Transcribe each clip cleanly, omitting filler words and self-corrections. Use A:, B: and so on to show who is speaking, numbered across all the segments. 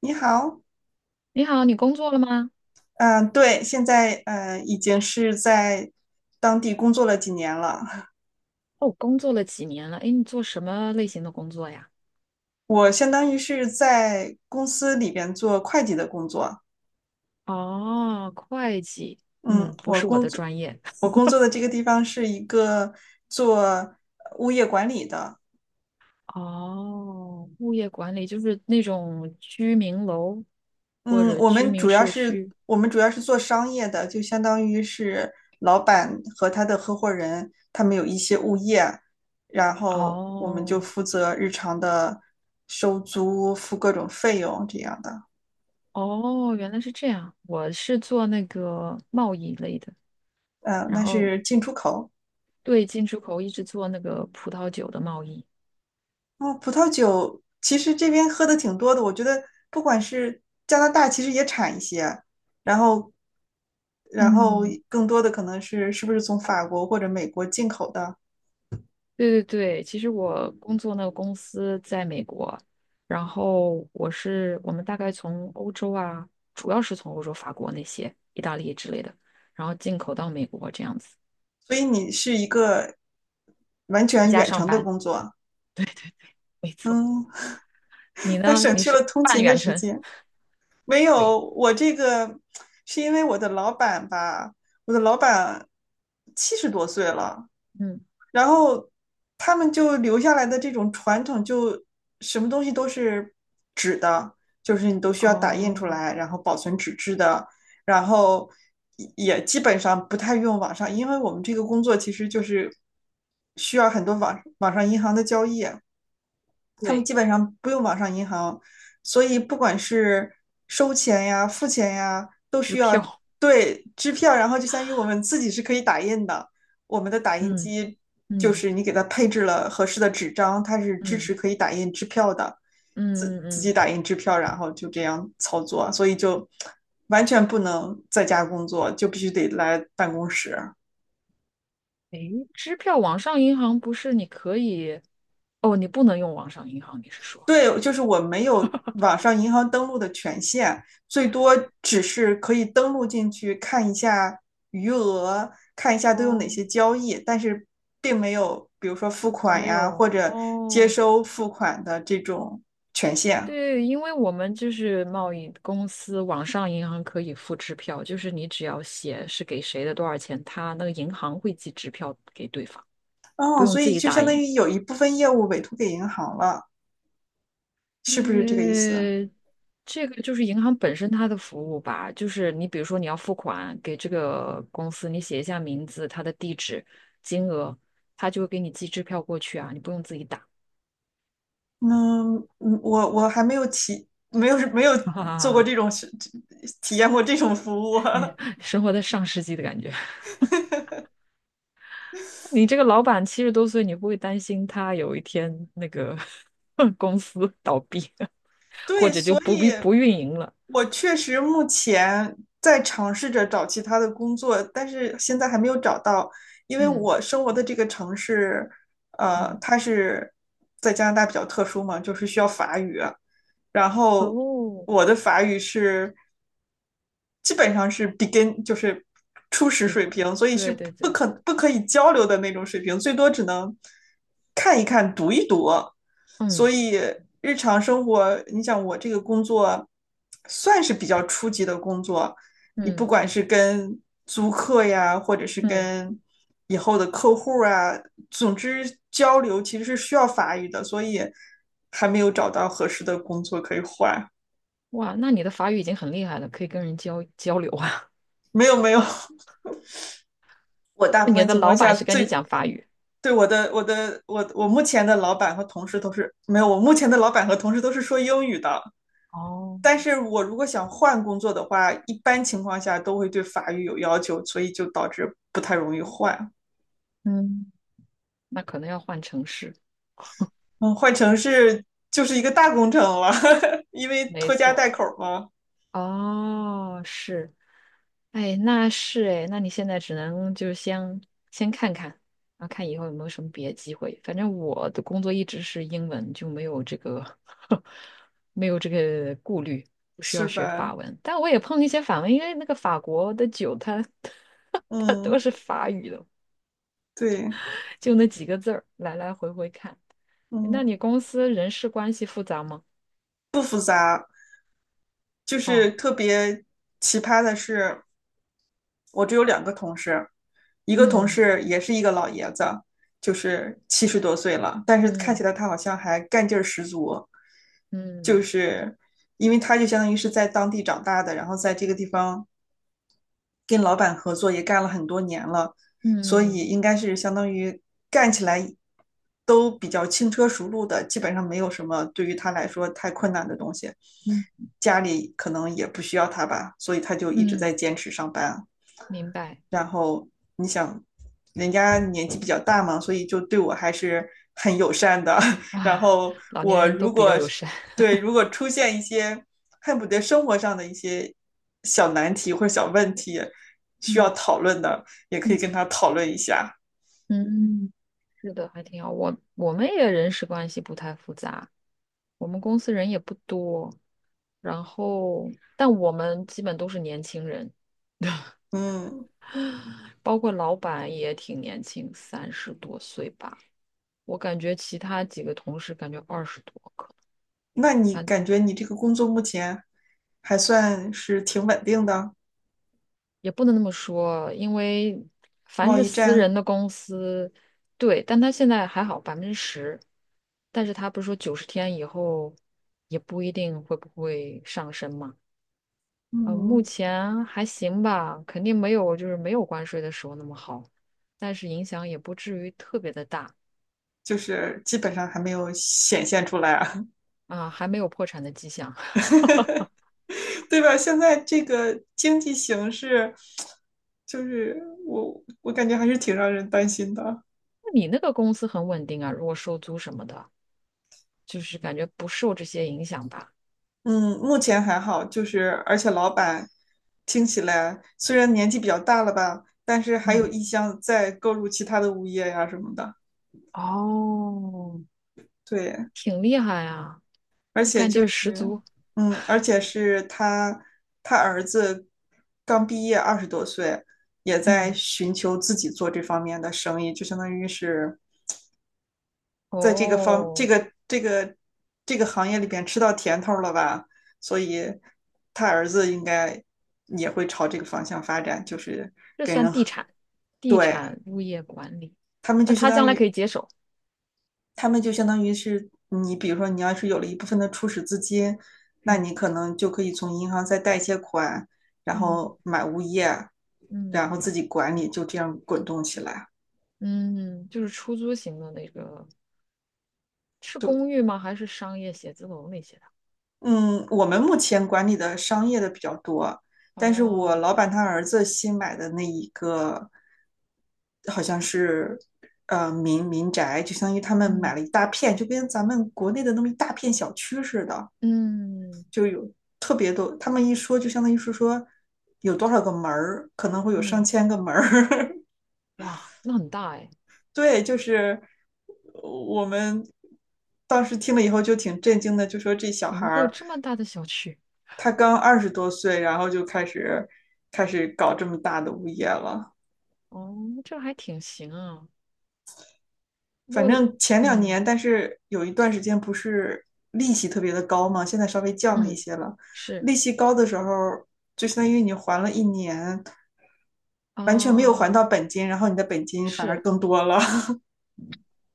A: 你好，
B: 你好，你工作了吗？
A: 嗯，对，现在已经是在当地工作了几年了。
B: 哦，工作了几年了？哎，你做什么类型的工作呀？
A: 我相当于是在公司里边做会计的工作。
B: 哦，会计，
A: 嗯，
B: 嗯，不
A: 我
B: 是我
A: 工
B: 的
A: 作
B: 专业。
A: 我 工作的这个地方是一个做物业管理的，
B: 哦，物业管理就是那种居民楼或
A: 嗯，
B: 者
A: 我
B: 居
A: 们
B: 民
A: 主要
B: 社
A: 是
B: 区。
A: 我们主要是做商业的，就相当于是老板和他的合伙人，他们有一些物业，然后我们就
B: 哦，
A: 负责日常的收租、付各种费用这样的。
B: 哦，原来是这样。我是做那个贸易类的，
A: 嗯、
B: 然
A: 那
B: 后
A: 是进出口。
B: 对进出口一直做那个葡萄酒的贸易。
A: 哦，葡萄酒其实这边喝的挺多的，我觉得不管是加拿大，其实也产一些，然后然后
B: 嗯，
A: 更多的可能是不是从法国或者美国进口的。
B: 对对对，其实我工作那个公司在美国，然后我们大概从欧洲啊，主要是从欧洲、法国那些、意大利之类的，然后进口到美国这样子，
A: 所以你是一个完
B: 在
A: 全
B: 家
A: 远
B: 上
A: 程的
B: 班。
A: 工作啊，
B: 没错，
A: 嗯，
B: 你
A: 那
B: 呢？
A: 省
B: 你
A: 去
B: 是
A: 了通
B: 半
A: 勤的
B: 远
A: 时
B: 程？
A: 间。没
B: 对，
A: 有，我这个是因为我的老板吧，我的老板七十多岁了，
B: 嗯，
A: 然后他们就留下来的这种传统，就什么东西都是纸的，就是你都需要打印出
B: 哦，
A: 来，然后保存纸质的，然后也基本上不太用网上，因为我们这个工作其实就是需要很多网上银行的交易。他们
B: 对，
A: 基本上不用网上银行，所以不管是收钱呀、付钱呀，都
B: 支
A: 需要，
B: 票，
A: 对，支票，然后就相当于我们自己是可以打印的，我们的打印
B: 嗯
A: 机就
B: 嗯
A: 是你给它配置了合适的纸张，它是支持
B: 嗯
A: 可以打印支票的，
B: 嗯
A: 自
B: 嗯
A: 自己
B: 嗯，
A: 打印支票，然后就这样操作，所以就完全不能在家工作，就必须得来办公室。
B: 诶，支票网上银行不是你可以？哦，你不能用网上银行，你是说？
A: 对，就是我没有网上银行登录的权限，最多只是可以登录进去看一下余额，看一下都有哪
B: 哦，
A: 些交易，但是并没有比如说付款
B: 没
A: 呀或
B: 有
A: 者接
B: 哦，
A: 收付款的这种权限。
B: 对，因为我们就是贸易公司，网上银行可以付支票，就是你只要写是给谁的多少钱，他那个银行会寄支票给对方，不
A: 哦，
B: 用
A: 所
B: 自
A: 以
B: 己
A: 就
B: 打
A: 相当
B: 印。
A: 于有一部分业务委托给银行了，是不是这个意思？
B: 呃，这个就是银行本身它的服务吧，就是你比如说你要付款给这个公司，你写一下名字、它的地址、金额，他就会给你寄支票过去啊，你不用自己打。
A: 嗯，嗯我还没有体没有没有
B: 哈哈哈
A: 做过
B: 哈，
A: 这种体验过这种服务。
B: 你生活在上世纪的感觉。你这个老板70多岁，你不会担心他有一天那个 公司倒闭，或
A: 对，
B: 者就
A: 所
B: 不
A: 以
B: 必不运营了？
A: 我确实目前在尝试着找其他的工作，但是现在还没有找到，因为
B: 嗯
A: 我生活的这个城市，
B: 嗯，
A: 它是在加拿大比较特殊嘛，就是需要法语，然后
B: 哦，
A: 我的法语基本上是 begin，就是初始
B: 一
A: 水平，所以是
B: 对对
A: 不
B: 对，
A: 可不可以交流的那种水平，最多只能看一看、读一读。所
B: 嗯
A: 以日常生活，你想我这个工作算是比较初级的工作，你不
B: 嗯
A: 管是跟租客呀，或者是
B: 嗯，
A: 跟以后的客户啊，总之交流其实是需要法语的，所以还没有找到合适的工作可以换。
B: 哇，那你的法语已经很厉害了，可以跟人交流啊。
A: 没有没有，我大部
B: 你
A: 分
B: 的
A: 情况
B: 老
A: 下
B: 板是跟你
A: 最
B: 讲法语？
A: 对，我目前的老板和同事都是没有，我目前的老板和同事都是说英语的。
B: 哦，
A: 但是我如果想换工作的话，一般情况下都会对法语有要求，所以就导致不太容易换。
B: 嗯，那可能要换城市，
A: 嗯，换城市就是一个大工程了，因为
B: 没
A: 拖家带
B: 错。
A: 口嘛，
B: 哦，是，哎，那是哎，那你现在只能就是先先看看，然后看以后有没有什么别的机会。反正我的工作一直是英文，就没有这个 没有这个顾虑，不需要
A: 是
B: 学法
A: 吧？
B: 文。但我也碰一些法文，因为那个法国的酒它 它都
A: 嗯，
B: 是法语的，
A: 对，
B: 就那几个字儿，来来回回看。哎那
A: 嗯，
B: 你公司人事关系复杂吗？
A: 就是
B: 哦，
A: 特别奇葩的是，我只有两个同事，一个同事也是一个老爷子，就是七十多岁了，但是看起
B: 嗯
A: 来他好像还干劲儿十足，就
B: 嗯
A: 是因为他就相当于是在当地长大的，然后在这个地方跟老板合作也干了很多年了，
B: 嗯
A: 所以
B: 嗯
A: 应该是相当于干起来都比较轻车熟路的，基本上没有什么对于他来说太困难的东西。
B: 嗯。嗯
A: 家里可能也不需要他吧，所以他就一直在
B: 嗯
A: 坚持上班啊。
B: 明白
A: 然后你想，人家年纪比较大嘛，所以就对我还是很友善的。然
B: 啊，
A: 后
B: 老年
A: 我
B: 人都
A: 如
B: 比较
A: 果
B: 友善。
A: 对，如 果出现一些恨不得生活上的一些小难题或者小问题需要
B: 嗯
A: 讨论的，也可以
B: 嗯
A: 跟他讨论一下。
B: 嗯是的，还挺好。我们也人事关系不太复杂，我们公司人也不多，然后但我们基本都是年轻人，
A: 嗯，
B: 包括老板也挺年轻，30多岁吧。我感觉其他几个同事感觉20多，可能。
A: 那你
B: 反。
A: 感觉你这个工作目前还算是挺稳定的？
B: 也不能那么说，因为凡
A: 贸
B: 是
A: 易
B: 私
A: 战，
B: 人的公司，对，但他现在还好10%，但是他不是说90天以后也不一定会不会上升嘛？目
A: 嗯，
B: 前还行吧，肯定没有没有关税的时候那么好，但是影响也不至于特别的大
A: 就是基本上还没有显现出来啊。
B: 啊，还没有破产的迹象。
A: 对吧？现在这个经济形势，就是我感觉还是挺让人担心的。
B: 那你那个公司很稳定啊，如果收租什么的，就是感觉不受这些影响吧？
A: 嗯，目前还好，就是而且老板听起来虽然年纪比较大了吧，但是还有
B: 嗯，
A: 意向再购入其他的物业呀、什么的。
B: 哦，
A: 对，
B: 挺厉害啊，
A: 而
B: 就
A: 且
B: 干劲
A: 就
B: 儿十
A: 是，
B: 足。
A: 嗯，而且是他儿子刚毕业二十多岁，也在
B: 嗯，
A: 寻求自己做这方面的生意，就相当于是在这个方这
B: 哦，
A: 个这个这个行业里边吃到甜头了吧，所以他儿子应该也会朝这个方向发展，就是
B: 这
A: 给
B: 算
A: 人
B: 地产，地
A: 对，
B: 产物业管理。
A: 他们就
B: 那
A: 相
B: 他
A: 当
B: 将来可
A: 于
B: 以接手。
A: 他们就相当于是你，比如说你要是有了一部分的初始资金，那
B: 嗯
A: 你可能就可以从银行再贷一些款，然
B: 嗯
A: 后买物业，
B: 嗯
A: 然后自己管理，就这样滚动起来。
B: 嗯，就是出租型的那个，是
A: 对，
B: 公寓吗？还是商业写字楼那些的？
A: 嗯，我们目前管理的商业的比较多，但是我
B: 哦，
A: 老板他儿子新买的那一个，好像是民宅，就相当于他们买
B: 嗯
A: 了一大片，就跟咱们国内的那么一大片小区似的，
B: 嗯
A: 特别多。他们一说就相当于是说有多少个门儿，可能会有上
B: 嗯，
A: 千个门儿。
B: 哇，那很大哎，
A: 对，就是我们当时听了以后就挺震惊的，就说这小
B: 怎
A: 孩
B: 么会有
A: 儿。
B: 这么大的小区？
A: 他刚二十多岁，然后就开始搞这么大的物业了。
B: 哦，这还挺行啊。
A: 反
B: 我，
A: 正前两
B: 嗯
A: 年，但是有一段时间不是利息特别的高嘛，现在稍微降了一
B: 嗯，
A: 些了。
B: 是
A: 利息高的时候，就相当于你还了一年，完全没有还
B: 啊，
A: 到本金，然后你的本金反而
B: 是。
A: 更多了。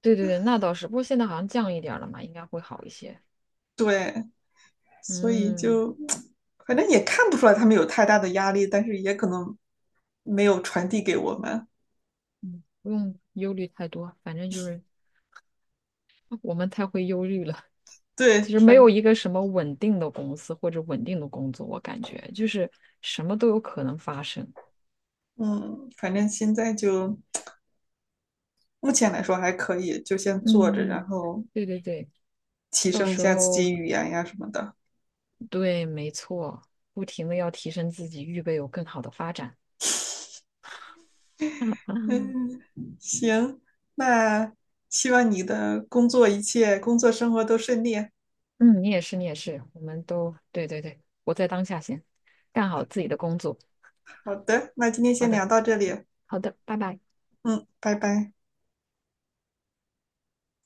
B: 对对对，那倒是。不过现在好像降一点儿了嘛，应该会好一些。
A: 对，所以
B: 嗯
A: 就反正也看不出来他们有太大的压力，但是也可能没有传递给我们。
B: 嗯，不用忧虑太多，反正就是我们太会忧虑了。
A: 对，
B: 其实没有一个什么稳定的公司或者稳定的工作，我感觉就是什么都有可能发生。
A: 反正现在就目前来说还可以，就先做着，
B: 嗯，
A: 然后
B: 对对对，
A: 提
B: 到
A: 升一
B: 时
A: 下自
B: 候
A: 己语言呀什么的。
B: 对，没错，不停的要提升自己，预备有更好的发展。
A: 嗯，行，那希望你的工作一切，工作生活都顺利。
B: 嗯，你也是，你也是，我们都对对对，活在当下先，干好自己的工作。
A: 好的，那今天
B: 好
A: 先
B: 的，
A: 聊到这里。
B: 好的，拜拜。
A: 嗯，拜拜。